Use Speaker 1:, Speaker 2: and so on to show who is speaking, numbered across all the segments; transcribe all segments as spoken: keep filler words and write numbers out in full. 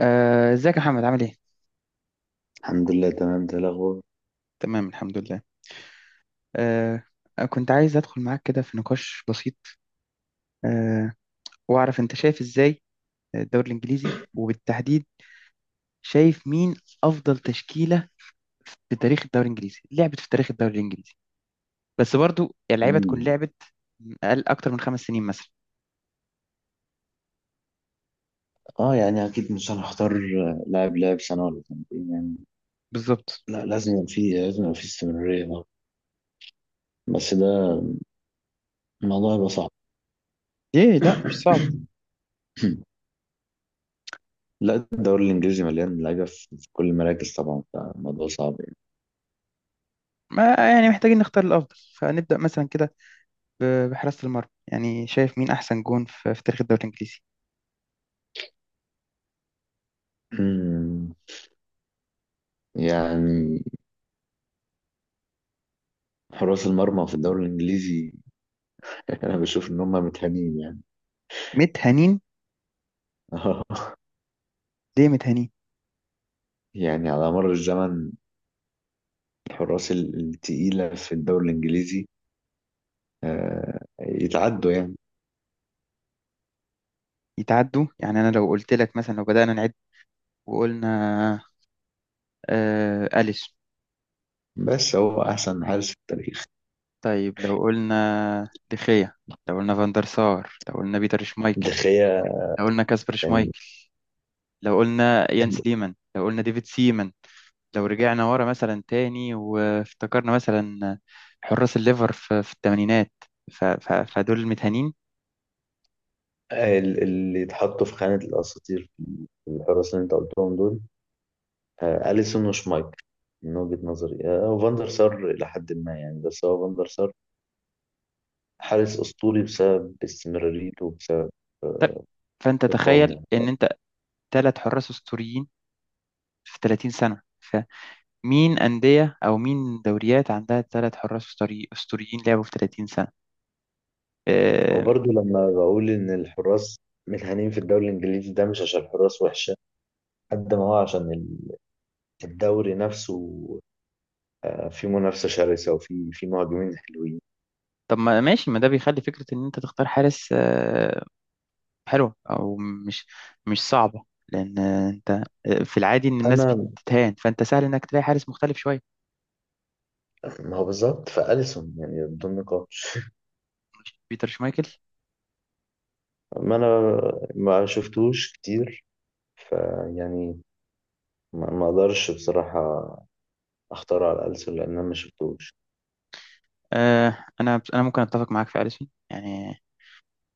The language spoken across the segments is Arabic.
Speaker 1: آه، ازيك يا محمد، عامل ايه؟
Speaker 2: الحمد لله، تمام. ده الأخبار.
Speaker 1: تمام الحمد لله. آه، كنت عايز ادخل معاك كده في نقاش بسيط. آه، واعرف انت شايف ازاي الدوري الانجليزي، وبالتحديد شايف مين افضل تشكيلة في تاريخ الدوري الانجليزي، لعبت في تاريخ الدوري الانجليزي، بس برضو اللعيبة تكون
Speaker 2: مم.
Speaker 1: لعبت اقل اكتر من خمس سنين مثلا.
Speaker 2: اه، يعني أكيد مش هنختار لاعب لاعب سنة ولا سنتين، يعني.
Speaker 1: بالظبط.
Speaker 2: لا، لازم يبقى فيه، لازم يبقى فيه استمرارية اه بس ده، الموضوع هيبقى صعب.
Speaker 1: ايه، لا مش صعب.
Speaker 2: لا، الدوري الإنجليزي مليان لعيبة في في كل المراكز طبعا، فالموضوع صعب يعني.
Speaker 1: ما يعني محتاجين نختار الافضل، فنبدأ مثلا كده ب- بحراسة المرمى. يعني شايف مين احسن جون في في تاريخ الدوري الانجليزي؟
Speaker 2: مم. يعني حراس المرمى في الدوري الإنجليزي، أنا بشوف إن هم متهانين، يعني.
Speaker 1: ميت هنين. ليه ميت هنين؟
Speaker 2: يعني على مر الزمن، الحراس ال- التقيلة في الدوري الإنجليزي آه، يتعدوا يعني.
Speaker 1: يتعدوا يعني. أنا لو قلت لك مثلا، لو بدأنا نعد وقلنا آه أليس،
Speaker 2: بس هو أحسن حارس في التاريخ.
Speaker 1: طيب لو قلنا دخيا، لو قلنا فاندر سار، لو قلنا بيتر شمايكل،
Speaker 2: دخيا.
Speaker 1: لو قلنا كاسبر
Speaker 2: يعني
Speaker 1: شمايكل، لو قلنا يانس ليمان، لو قلنا ديفيد سيمان، لو رجعنا ورا مثلا تاني وافتكرنا مثلا حراس الليفر في, في الثمانينات، ف- ف- فدول المتهانين.
Speaker 2: ال- اللي اتحطوا في خانة الأساطير، في الحراس اللي أنت قلتهم دول، آه، أليسون وشمايكل. من وجهة نظري، آه، فاندر سار إلى حد ما، يعني، بس هو فاندر سار حارس أسطوري بسبب استمراريته، وبسبب
Speaker 1: طب،
Speaker 2: آه،
Speaker 1: فأنت تخيل
Speaker 2: إقامه.
Speaker 1: إن أنت ثلاث حراس أسطوريين في تلاتين سنة. مين أندية أو مين دوريات عندها ثلاث حراس أسطوري- أسطوريين لعبوا في تلاتين سنة؟ آه،
Speaker 2: وبرضه، لما بقول إن الحراس متهانين في الدوري الإنجليزي، ده مش عشان الحراس وحشة، قد ما هو عشان ال- الدوري نفسه. آه، فيه منافسة شرسة، وفيه فيه مهاجمين حلوين.
Speaker 1: طب ما ماشي، ما ده بيخلي فكرة إن أنت تختار حارس آه، حلوة، أو مش مش صعبة، لأن آه، أنت آه، في العادي إن الناس
Speaker 2: أنا
Speaker 1: بتتهان، فأنت سهل إنك تلاقي حارس مختلف شوية.
Speaker 2: ما هو بالظبط، فأليسون يعني بدون نقاش.
Speaker 1: بيتر شمايكل.
Speaker 2: ما أنا ما شفتوش كتير، فيعني ما ما أقدرش بصراحة أختار على أليسون، لأن أنا ما شفتوش.
Speaker 1: آه، أنا أنا ممكن أتفق معاك في أليسون يعني.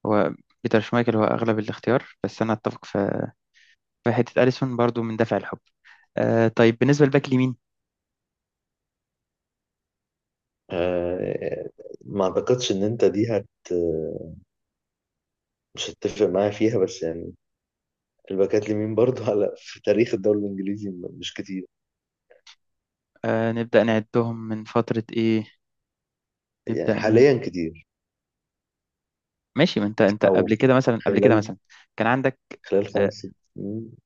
Speaker 1: هو بيتر شمايكل هو أغلب الاختيار، بس أنا أتفق في في حتة أليسون برضو من دافع الحب. آه، طيب بالنسبة للباك اليمين.
Speaker 2: أه، ما أعتقدش إن أنت دي هت مش هتتفق معايا فيها، بس يعني الباكات اليمين برضه، على، في تاريخ الدوري الإنجليزي، م- مش كتير.
Speaker 1: آه، نبدأ نعدهم من فترة إيه؟ نبدأ
Speaker 2: يعني
Speaker 1: ن-
Speaker 2: حاليا كتير،
Speaker 1: ماشي، ما انت انت
Speaker 2: أو
Speaker 1: قبل كده مثلا، قبل كده
Speaker 2: خلال
Speaker 1: مثلا كان عندك
Speaker 2: خلال
Speaker 1: آه،
Speaker 2: خمس سنين.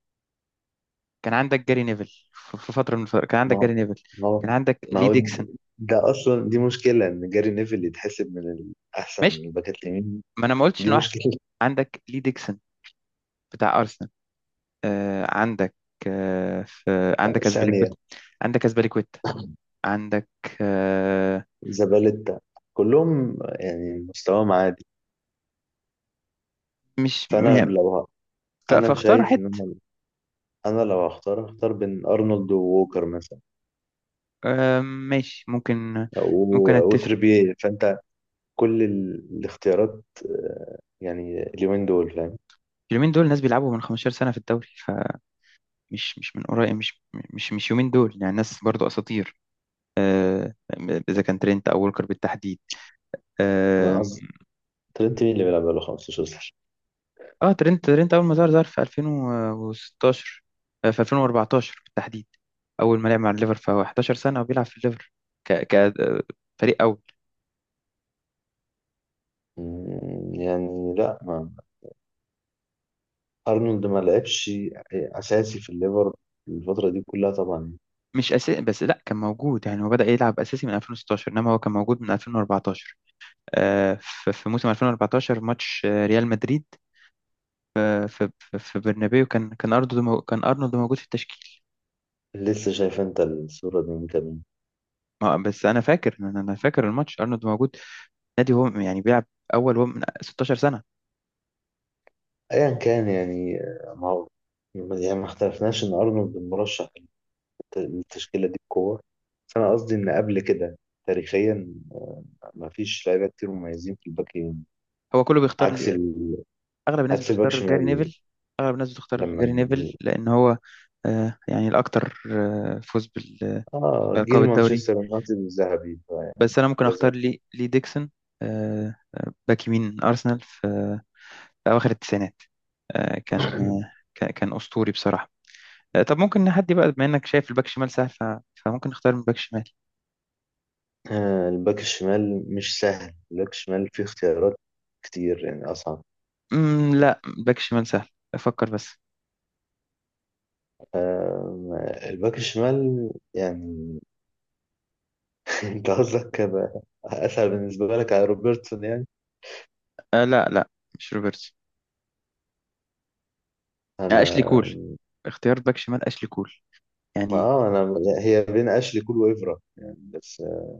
Speaker 1: كان عندك جاري نيفل في في فترة من الفترات، كان
Speaker 2: ما
Speaker 1: عندك
Speaker 2: هو
Speaker 1: جاري نيفل،
Speaker 2: ما هو
Speaker 1: كان عندك
Speaker 2: ما
Speaker 1: لي
Speaker 2: هو
Speaker 1: ديكسون.
Speaker 2: ده اصلا، دي مشكله ان جاري نيفل اللي يتحسب من الاحسن
Speaker 1: ماشي،
Speaker 2: الباكات اليمين.
Speaker 1: ما انا ما قلتش
Speaker 2: دي
Speaker 1: انه احسن.
Speaker 2: مشكله.
Speaker 1: عندك لي ديكسون بتاع ارسنال. آه، عندك آه، في عندك
Speaker 2: ثانيه.
Speaker 1: اسبليكويتا. عندك اسبليكويتا. عندك. آه،
Speaker 2: زبالتا. كلهم يعني مستواهم عادي.
Speaker 1: مش
Speaker 2: فانا
Speaker 1: مهم.
Speaker 2: لو ه-
Speaker 1: ف-
Speaker 2: انا
Speaker 1: فاختار
Speaker 2: شايف
Speaker 1: حد.
Speaker 2: ان انا أنا لو هختار هختار بين ارنولد ووكر مثلا،
Speaker 1: آه، ماشي، ممكن. ممكن
Speaker 2: و-
Speaker 1: اتفق.
Speaker 2: وتريبيه، فانت كل ال- الاختيارات آه، يعني اليومين دول، فاهم؟
Speaker 1: اليومين دول ناس بيلعبوا من خمستاشر سنة في الدوري، مش مش من قريب، مش مش مش يومين دول يعني، ناس برضو اساطير، اذا كان ترينت او وولكر بالتحديد.
Speaker 2: انا
Speaker 1: اه.
Speaker 2: قصدي، ترينت مين اللي بيلعب بقاله خمسة عشر؟
Speaker 1: آه، ترينت ترينت اول ما ظهر ظهر في ألفين وستاشر، آه، في ألفين وأربعتاشر بالتحديد اول ما لعب مع الليفر، فهو حداشر سنه وبيلعب في الليفر ك ك آه، فريق اول.
Speaker 2: مم، يعني لا، ارنولد ما لعبش اساسي في الليفر الفتره دي كلها طبعا.
Speaker 1: مش اساسي، بس لا، كان موجود يعني. هو بدأ يلعب اساسي من ألفين وستاشر، انما هو كان موجود من ألفين وأربعتاشر. آه، ف- في موسم ألفين وأربعتاشر ماتش آه، ريال مدريد، آه، في في في برنابيو، كان كان ارنولد مو- كان ارنولد موجود في التشكيل.
Speaker 2: لسه شايف انت الصوره دي من كام يوم.
Speaker 1: ما بس انا فاكر، انا أنا فاكر الماتش ارنولد موجود. نادي، هو يعني بيلعب اول هو من ستاشر سنه.
Speaker 2: ايا كان، يعني آه، ما هو، يعني ما اختلفناش ان ارنولد مرشح للت- للتشكيله دي بقوه. بس انا قصدي ان قبل كده، تاريخيا، ما فيش لعيبه كتير مميزين في الباك يمين،
Speaker 1: هو كله بيختار
Speaker 2: عكس
Speaker 1: لي-
Speaker 2: ال...
Speaker 1: اغلب الناس
Speaker 2: عكس الباك
Speaker 1: بتختار جاري
Speaker 2: شمال.
Speaker 1: نيفل. اغلب الناس بتختار
Speaker 2: لما
Speaker 1: جاري
Speaker 2: ن-
Speaker 1: نيفل لان هو آه يعني الاكثر آه فوز بال-
Speaker 2: اه،
Speaker 1: بألقاب
Speaker 2: جيل
Speaker 1: الدوري.
Speaker 2: مانشستر يونايتد الذهبي، فيعني
Speaker 1: بس انا ممكن
Speaker 2: لازم.
Speaker 1: اختار لي لي ديكسون، آه آه، باك يمين ارسنال في في اواخر التسعينات. آه كان آه كان كان اسطوري بصراحه. آه طب ممكن نحدي بقى، بما انك شايف الباك شمال سهل، ف- فممكن نختار من باك شمال.
Speaker 2: آه الباك الشمال مش سهل. الباك الشمال فيه اختيارات كتير، يعني أصعب.
Speaker 1: مم، لا، باك شمال سهل، افكر بس.
Speaker 2: آم، الباك الشمال، يعني، انت قصدك هيبقى اسهل بالنسبه لك على روبرتسون، يعني؟
Speaker 1: آه لا، لا، مش روبرتسون. آه
Speaker 2: انا
Speaker 1: أشلي كول، اختيار باك شمال أشلي كول
Speaker 2: ما
Speaker 1: يعني.
Speaker 2: اه انا هي بين اشلي كول وافرا، يعني، بس. آه،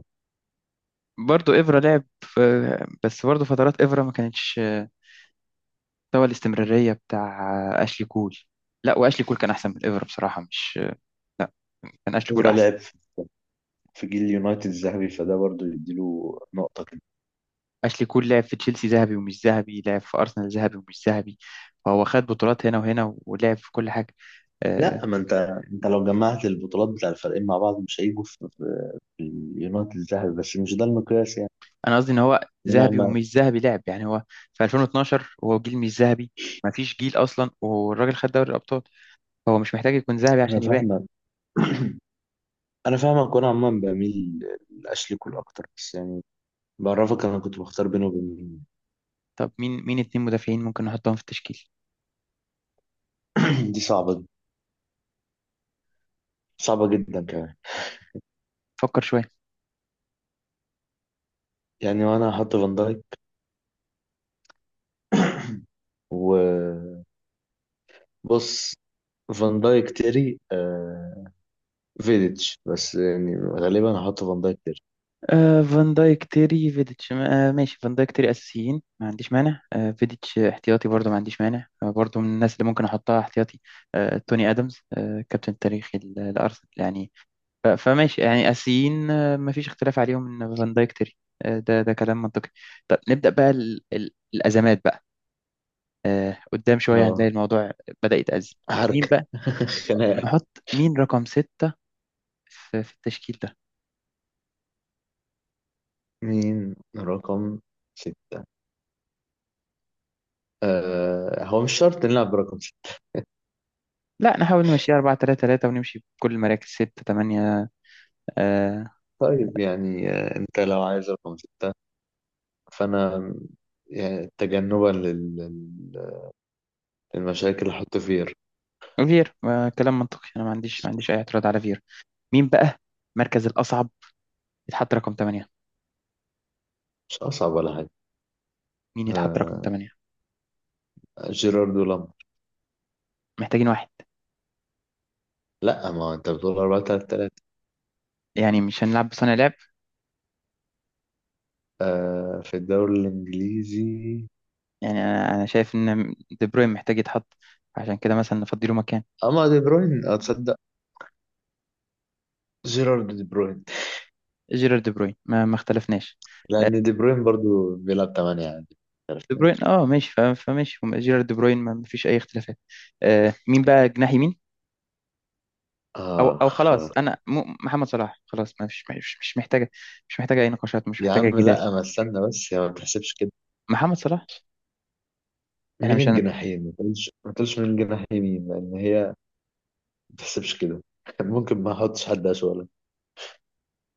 Speaker 1: برضو إفرا لعب في، بس برضو فترات إفرا ما كانتش مستوى الاستمرارية بتاع أشلي كول. لا، وأشلي كول كان أحسن من إفرا بصراحة، مش كان أشلي كول
Speaker 2: افرا
Speaker 1: أحسن.
Speaker 2: لعب في في جيل اليونايتد الذهبي، فده برضو يديله نقطه كده.
Speaker 1: أشلي كول لعب في تشيلسي ذهبي ومش ذهبي، لعب في أرسنال ذهبي ومش ذهبي، فهو خد بطولات هنا وهنا، ولعب في كل حاجة. آه،
Speaker 2: لا، ما انت انت لو جمعت البطولات بتاع الفريقين مع بعض، مش هيجوا في في اليونايتد الذهبي، بس مش ده المقياس يعني.
Speaker 1: أنا قصدي إن هو
Speaker 2: انا
Speaker 1: ذهبي
Speaker 2: ما
Speaker 1: ومش ذهبي لعب يعني. هو في ألفين واتناشر هو جيل مش ذهبي، ما فيش جيل أصلا، والراجل خد دوري الأبطال. هو مش محتاج يكون ذهبي
Speaker 2: انا
Speaker 1: عشان يبان.
Speaker 2: فاهمك. انا فاهمك، وانا عموما بميل لاشلي كول اكتر، بس يعني بعرفك، انا كنت بختار بينه وبين.
Speaker 1: طب، مين مين اتنين مدافعين ممكن نحطهم في التشكيل؟
Speaker 2: دي صعبة، صعبة جدا كمان.
Speaker 1: فكر شوية.
Speaker 2: يعني وانا هحط فان دايك، وبص، فان دايك، تيري، آه فيديتش، بس يعني غالبا هحط فان دايك تيري.
Speaker 1: آه فان دايك، تيري، فيديتش. آه ماشي، فان دايك تيري أساسيين، ما عنديش مانع. آه فيديتش احتياطي برضه، ما عنديش مانع. آه برضه، من الناس اللي ممكن أحطها احتياطي آه توني أدمز، آه كابتن التاريخي ل- لأرسنال يعني. ف- فماشي يعني، أساسيين، آه ما فيش اختلاف عليهم إن فان دايك تيري. آه ده ده كلام منطقي. طب نبدأ بقى ال ال الأزمات بقى. آه قدام شوية هنلاقي
Speaker 2: اه.
Speaker 1: الموضوع بدأ يتأزم. مين
Speaker 2: حركة.
Speaker 1: بقى
Speaker 2: خناقة.
Speaker 1: نحط مين رقم ستة في في التشكيل ده؟
Speaker 2: مين رقم ستة؟ آه هو مش شرط نلعب برقم ستة.
Speaker 1: لا، نحاول نمشي اربعة تلاتة تلاتة، ونمشي بكل المراكز ستة تمانية. آه
Speaker 2: طيب، يعني آه انت لو عايز رقم ستة، فانا، يعني تجنبا لل- لل- للمشاكل اللي هحط فيها.
Speaker 1: فير. آه كلام منطقي، انا ما عنديش ما عنديش اي اعتراض على فير. مين بقى المركز الاصعب يتحط رقم تمانية؟
Speaker 2: مش اصعب ولا حاجة.
Speaker 1: مين يتحط رقم
Speaker 2: آه
Speaker 1: تمانية؟
Speaker 2: جيرارد ولامب.
Speaker 1: محتاجين واحد
Speaker 2: لا، ما انت بتقول اربعة ثلاثة ثلاثة؟
Speaker 1: يعني، مش هنلعب بصانع لعب.
Speaker 2: آه في الدوري الانجليزي.
Speaker 1: يعني انا أنا شايف ان دي بروين محتاج يتحط، عشان كده مثلا نفضيله مكان.
Speaker 2: اما دي بروين، اتصدق، جيرارد دي بروين،
Speaker 1: جيرارد دي بروين ما, ما اختلفناش.
Speaker 2: لان دي بروين برضو بيلعب تمنية عادي. عارف
Speaker 1: دي
Speaker 2: ليه؟
Speaker 1: بروين، اه ماشي. ف- فماشي جيرارد دي بروين، ما ما فيش اي اختلافات. آه مين بقى جناح يمين؟ او
Speaker 2: آه،
Speaker 1: او خلاص
Speaker 2: آه.
Speaker 1: انا، م- محمد صلاح خلاص، ما فيش، مش مش محتاجه. مش محتاجه اي نقاشات، مش
Speaker 2: يا
Speaker 1: محتاجه
Speaker 2: عم
Speaker 1: جدال.
Speaker 2: لا، ما استنى بس يا، ما تحسبش كده.
Speaker 1: محمد صلاح. احنا
Speaker 2: مين
Speaker 1: مش هن...
Speaker 2: الجناحين؟ ما تقولش ما تقولش مين الجناح يمين، لان هي ما تحسبش كده. ممكن ما احطش حد اسوأ.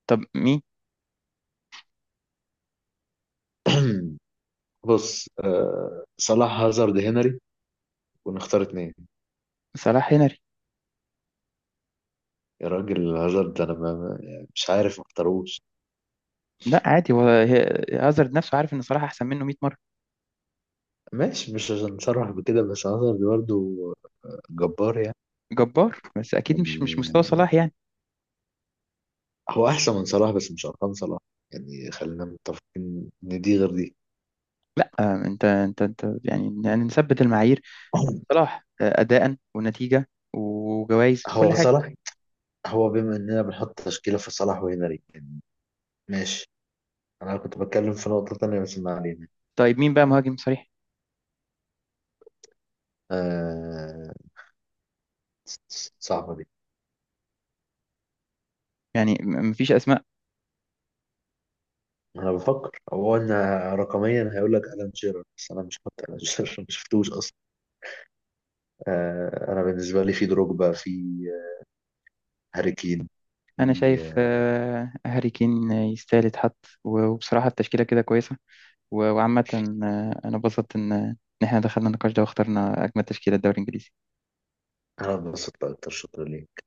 Speaker 1: طب مين؟
Speaker 2: بص، آه صلاح، هازارد، هنري، ونختار اتنين.
Speaker 1: صلاح هنري.
Speaker 2: يا راجل، هازارد، انا ما ما- يعني، مش عارف ما اختاروش.
Speaker 1: لا عادي، هو هي- هازارد نفسه عارف ان صلاح احسن منه مية مره.
Speaker 2: ماشي، مش عشان صلاح بكده، بس هازارد برضه جبار، يعني.
Speaker 1: جبار، بس اكيد مش مش مستوى
Speaker 2: يعني
Speaker 1: صلاح يعني.
Speaker 2: هو احسن من صلاح، بس مش ارقام صلاح. يعني خلينا متفقين ان دي غير دي.
Speaker 1: لا آه، انت انت انت يعني، يعني نثبت المعايير. صلاح آه، اداء ونتيجه وجوائز وكل
Speaker 2: هو
Speaker 1: حاجه.
Speaker 2: صلاح، هو بما اننا بنحط تشكيله في صلاح وهنري، يعني ماشي. انا كنت بتكلم في نقطه تانية، بس ما علينا.
Speaker 1: طيب، مين بقى مهاجم صريح؟
Speaker 2: آه صعبه دي.
Speaker 1: يعني م- مفيش اسماء.
Speaker 2: انا بفكر، هو ان رقميا هيقول لك الان شيرر، بس انا مش حاطط الان شيرر. ما شفتوش اصلا. آه انا بالنسبه لي، في دروجبا، في هاري كين،
Speaker 1: انا
Speaker 2: في.
Speaker 1: شايف
Speaker 2: آه،
Speaker 1: آه، هاري كين يستاهل يتحط. وبصراحه التشكيله كده كويسه و- وعامة. آه، أنا اتبسطت إن إن إحنا دخلنا النقاش ده واخترنا أجمل تشكيلة الدوري الإنجليزي.
Speaker 2: انا اتبسطت اكتر، شكرا ليك.